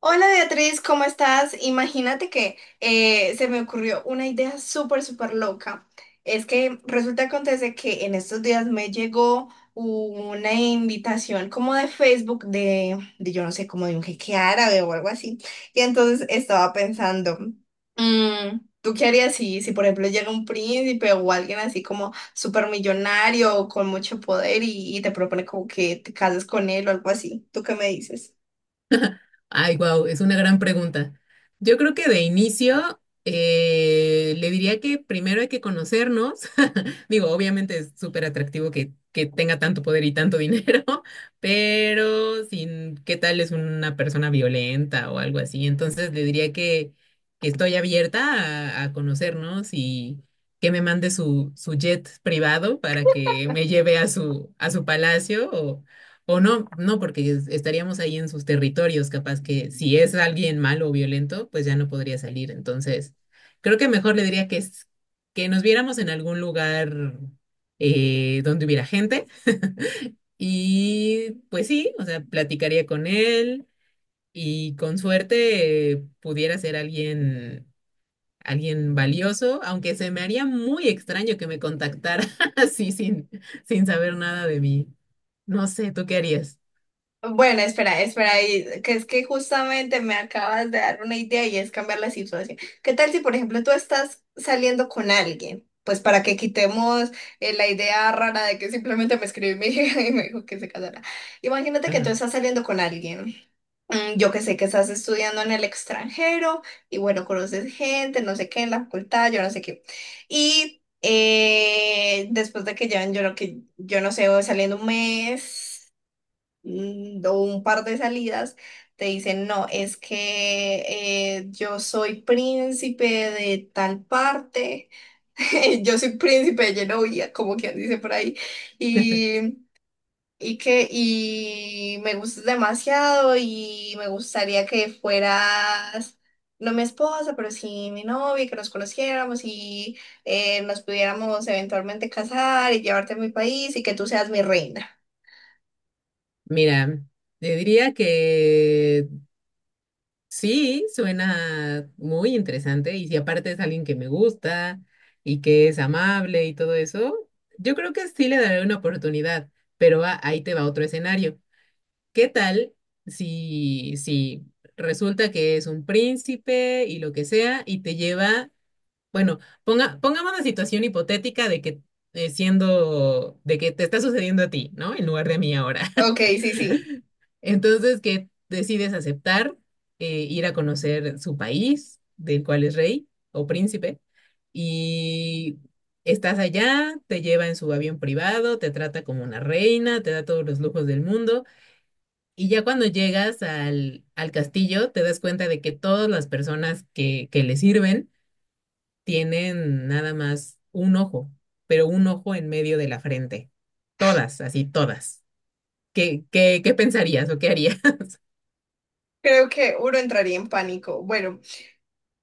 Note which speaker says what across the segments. Speaker 1: Hola Beatriz, ¿cómo estás? Imagínate que se me ocurrió una idea súper, súper loca. Es que resulta acontece que en estos días me llegó una invitación como de Facebook de yo no sé, como de un jeque árabe o algo así. Y entonces estaba pensando, ¿tú qué harías si por ejemplo llega un príncipe o alguien así como súper millonario o con mucho poder y te propone como que te cases con él o algo así? ¿Tú qué me dices?
Speaker 2: Ay, wow, es una gran pregunta. Yo creo que de inicio le diría que primero hay que conocernos. Digo, obviamente es súper atractivo que tenga tanto poder y tanto dinero, pero sin qué tal es una persona violenta o algo así. Entonces que estoy abierta a conocernos y que me mande su jet privado para que me lleve a su palacio o no, no, porque estaríamos ahí en sus territorios, capaz que si es alguien malo o violento, pues ya no podría salir. Entonces, creo que mejor le diría que, es- que nos viéramos en algún lugar donde hubiera gente. Y pues sí, o sea, platicaría con él y con suerte pudiera ser alguien valioso, aunque se me haría muy extraño que me contactara así sin saber nada de mí. No sé, ¿tú qué harías?
Speaker 1: Bueno, espera, espera, ahí, que es que justamente me acabas de dar una idea y es cambiar la situación. ¿Qué tal si, por ejemplo, tú estás saliendo con alguien? Pues para que quitemos la idea rara de que simplemente me escribió mi hija y me dijo que se casara. Imagínate que tú
Speaker 2: Ajá.
Speaker 1: estás saliendo con alguien. Yo que sé que estás estudiando en el extranjero y bueno, conoces gente, no sé qué, en la facultad, yo no sé qué. Y después de que llevan, yo no sé, saliendo un mes o un par de salidas, te dicen, no, es que yo soy príncipe de tal parte, yo soy príncipe de Genovia, como quien dice por ahí, y, y me gustas demasiado y me gustaría que fueras... No mi esposa, pero sí mi novia, que nos conociéramos y nos pudiéramos eventualmente casar y llevarte a mi país y que tú seas mi reina.
Speaker 2: Mira, te diría que sí, suena muy interesante y si aparte es alguien que me gusta y que es amable y todo eso, yo creo que sí le daré una oportunidad, pero ahí te va otro escenario. ¿Qué tal si resulta que es un príncipe y lo que sea y te lleva, bueno, pongamos la situación hipotética de que de que te está sucediendo a ti, ¿no? En lugar de a mí ahora.
Speaker 1: Ok, sí, sí.
Speaker 2: Entonces, que decides aceptar ir a conocer su país, del cual es rey o príncipe, y estás allá, te lleva en su avión privado, te trata como una reina, te da todos los lujos del mundo, y ya cuando llegas al castillo, te das cuenta de que todas las personas que le sirven tienen nada más un ojo, pero un ojo en medio de la frente. Todas, así todas. ¿Qué pensarías o qué harías?
Speaker 1: Creo que uno entraría en pánico. Bueno,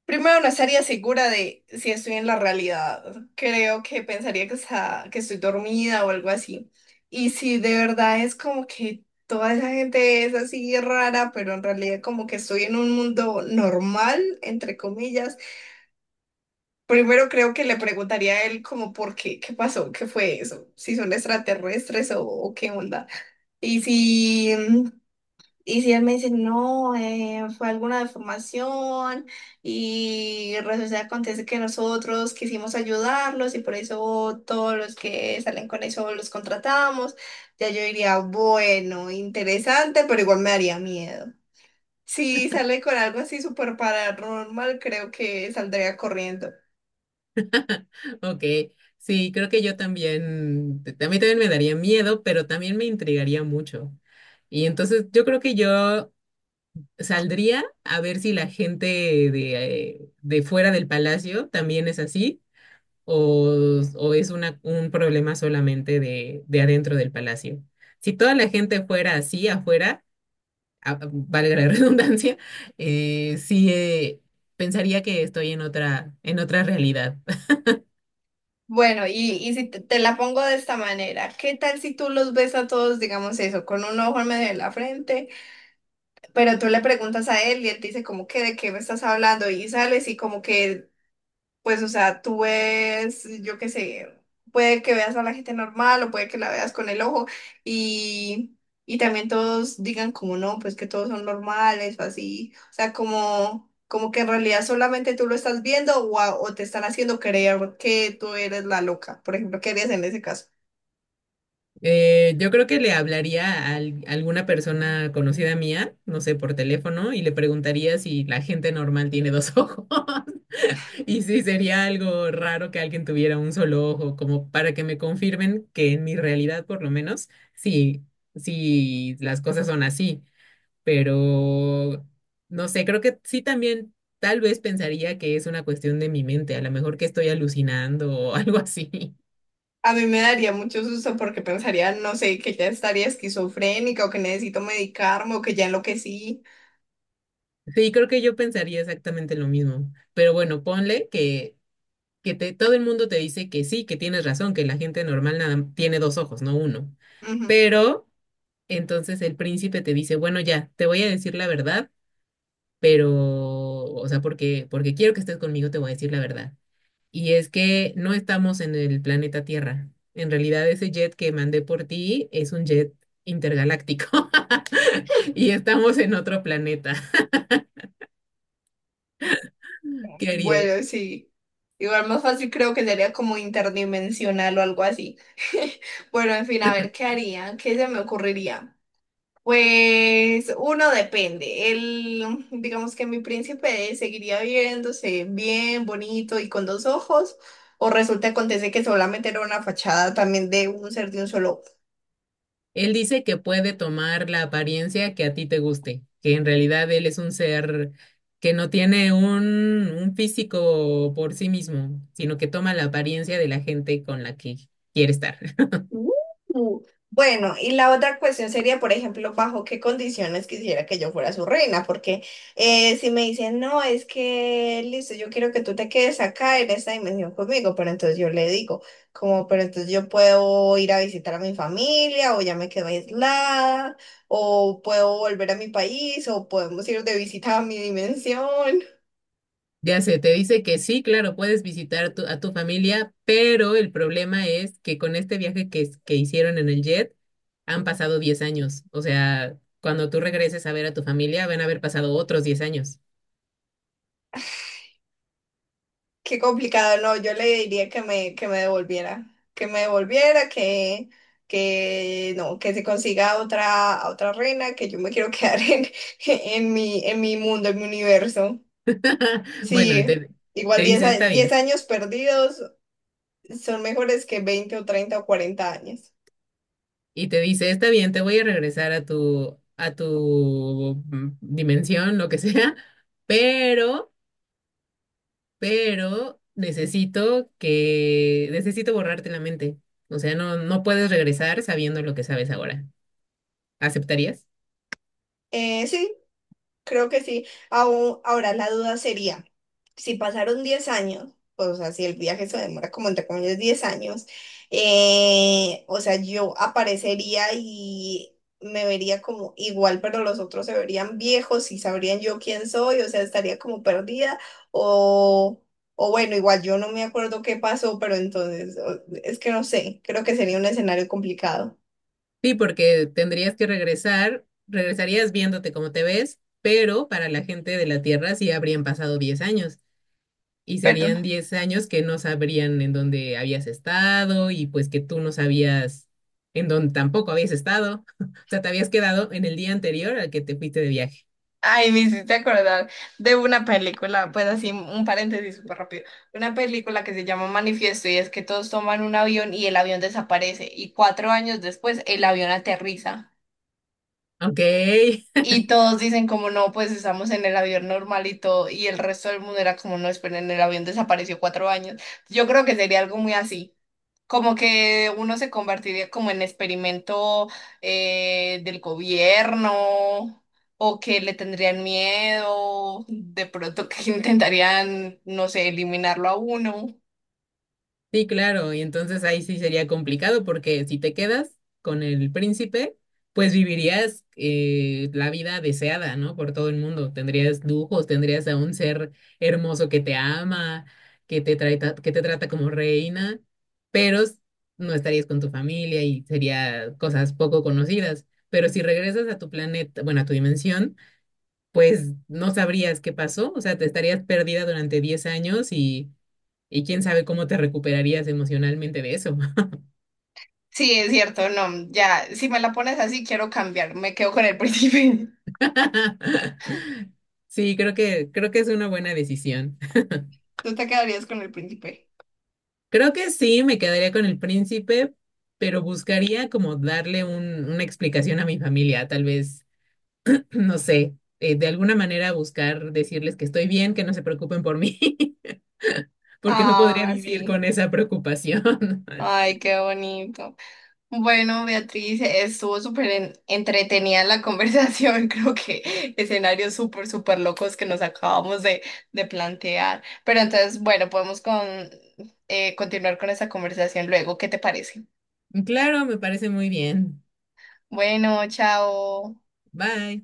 Speaker 1: primero, no estaría segura de si estoy en la realidad. Creo que pensaría que estoy dormida o algo así. Y si de verdad es como que toda esa gente es así rara, pero en realidad como que estoy en un mundo normal, entre comillas, primero creo que le preguntaría a él como por qué, qué pasó, qué fue eso, si son extraterrestres o qué onda. Y si... Y si él me dice, no, fue alguna deformación y resulta que acontece que nosotros quisimos ayudarlos y por eso todos los que salen con eso los contratamos, ya yo diría, bueno, interesante, pero igual me daría miedo. Si sale con algo así súper paranormal, creo que saldría corriendo.
Speaker 2: Ok, sí, creo que yo también, a mí también me daría miedo, pero también me intrigaría mucho. Y entonces yo creo que yo saldría a ver si la gente de fuera del palacio también es así o es un problema solamente de adentro del palacio. Si toda la gente fuera así afuera, a- valga la redundancia, sí, pensaría que estoy en en otra realidad.
Speaker 1: Bueno, y si te, te la pongo de esta manera, ¿qué tal si tú los ves a todos, digamos eso, con un ojo en medio de la frente? Pero tú le preguntas a él y él te dice como que de qué me estás hablando y sales y como que, pues, o sea, tú ves, yo qué sé, puede que veas a la gente normal o puede que la veas con el ojo y, y también todos digan como no, pues que todos son normales o así, o sea, como, como que en realidad solamente tú lo estás viendo o te están haciendo creer que tú eres la loca, por ejemplo, ¿qué harías en ese caso?
Speaker 2: Yo creo que le hablaría a alguna persona conocida mía, no sé, por teléfono, y le preguntaría si la gente normal tiene dos ojos. Y si sería algo raro que alguien tuviera un solo ojo, como para que me confirmen que en mi realidad, por lo menos, sí, sí, las cosas son así. Pero, no sé, creo que sí también, tal vez pensaría que es una cuestión de mi mente, a lo mejor que estoy alucinando o algo así.
Speaker 1: A mí me daría mucho susto porque pensaría, no sé, que ya estaría esquizofrénica o que necesito medicarme o que ya enloquecí.
Speaker 2: Sí, creo que yo pensaría exactamente lo mismo. Pero bueno, ponle que todo el mundo te dice que sí, que tienes razón, que la gente normal nada, tiene dos ojos, no uno.
Speaker 1: Ujú.
Speaker 2: Pero entonces el príncipe te dice, bueno, ya, te voy a decir la verdad, pero, o sea, porque quiero que estés conmigo, te voy a decir la verdad. Y es que no estamos en el planeta Tierra. En realidad, ese jet que mandé por ti es un jet intergaláctico y estamos en otro planeta. ¿Qué harías?
Speaker 1: Bueno, sí. Igual más fácil creo que sería como interdimensional o algo así. Bueno, en fin, a ver, ¿qué haría? ¿Qué se me ocurriría? Pues uno depende. El, digamos que mi príncipe seguiría viéndose bien, bonito y con dos ojos, o resulta acontece que solamente era una fachada también de un ser de un solo.
Speaker 2: Él dice que puede tomar la apariencia que a ti te guste, que en realidad él es un ser que no tiene un físico por sí mismo, sino que toma la apariencia de la gente con la que quiere estar.
Speaker 1: Uh, Bueno, y la otra cuestión sería, por ejemplo, bajo qué condiciones quisiera que yo fuera su reina, porque si me dicen, no, es que, listo, yo quiero que tú te quedes acá en esta dimensión conmigo, pero entonces yo le digo, como, pero entonces yo puedo ir a visitar a mi familia, o ya me quedo aislada, o puedo volver a mi país, o podemos ir de visita a mi dimensión.
Speaker 2: Ya sé, te dice que sí, claro, puedes visitar a tu familia, pero el problema es que con este viaje que hicieron en el jet han pasado 10 años. O sea, cuando tú regreses a ver a tu familia, van a haber pasado otros 10 años.
Speaker 1: Qué complicado, no, yo le diría que me devolviera, que me devolviera, que no, que se consiga otra, otra reina, que yo me quiero quedar en, en mi mundo, en mi universo.
Speaker 2: Bueno,
Speaker 1: Sí, igual
Speaker 2: te dice, está
Speaker 1: 10
Speaker 2: bien.
Speaker 1: años perdidos son mejores que 20 o 30 o 40 años.
Speaker 2: Y te dice, está bien, te voy a regresar a tu dimensión, lo que sea, pero, necesito que necesito borrarte la mente. O sea, no, no puedes regresar sabiendo lo que sabes ahora. ¿Aceptarías?
Speaker 1: Sí, creo que sí. Ahora la duda sería... si pasaron 10 años, pues, o sea, si el viaje se demora como entre comillas 10 años, o sea, yo aparecería y me vería como igual, pero los otros se verían viejos y sabrían yo quién soy, o sea, estaría como perdida o... O bueno, igual yo no me acuerdo qué pasó, pero entonces es que no sé, creo que sería un escenario complicado.
Speaker 2: Sí, porque tendrías que regresarías viéndote como te ves, pero para la gente de la Tierra sí habrían pasado 10 años. Y serían
Speaker 1: Perdón.
Speaker 2: 10 años que no sabrían en dónde habías estado y pues que tú no sabías en dónde tampoco habías estado. O sea, te habías quedado en el día anterior al que te fuiste de viaje.
Speaker 1: Ay, me hiciste acordar de una película, pues así un paréntesis súper rápido, una película que se llama Manifiesto y es que todos toman un avión y el avión desaparece y 4 años después el avión aterriza.
Speaker 2: Ok.
Speaker 1: Y todos dicen como no, pues estamos en el avión normal y todo, y el resto del mundo era como no, esperen, el avión desapareció 4 años. Yo creo que sería algo muy así, como que uno se convertiría como en experimento del gobierno o que le tendrían miedo, de pronto que intentarían, no sé, eliminarlo a uno.
Speaker 2: Sí, claro, y entonces ahí sí sería complicado porque si te quedas con el príncipe, pues vivirías la vida deseada, ¿no? Por todo el mundo. Tendrías lujos, tendrías a un ser hermoso que te ama, que te trata como reina, pero no estarías con tu familia y sería cosas poco conocidas. Pero si regresas a tu planeta, bueno, a tu dimensión, pues no sabrías qué pasó, o sea, te estarías perdida durante 10 años y quién sabe cómo te recuperarías emocionalmente de eso.
Speaker 1: Sí, es cierto, no, ya, si me la pones así, quiero cambiar, me quedo con el príncipe.
Speaker 2: Sí, creo que es una buena decisión.
Speaker 1: ¿Tú te quedarías con el príncipe?
Speaker 2: Creo que sí, me quedaría con el príncipe, pero buscaría como darle una explicación a mi familia, tal vez, no sé, de alguna manera buscar decirles que estoy bien, que no se preocupen por mí, porque no podría
Speaker 1: Ah,
Speaker 2: vivir
Speaker 1: sí.
Speaker 2: con esa preocupación.
Speaker 1: Ay, qué bonito. Bueno, Beatriz, estuvo súper entretenida la conversación. Creo que escenarios súper, súper locos que nos acabamos de plantear. Pero entonces, bueno, podemos continuar con esta conversación luego. ¿Qué te parece?
Speaker 2: Claro, me parece muy bien.
Speaker 1: Bueno, chao.
Speaker 2: Bye.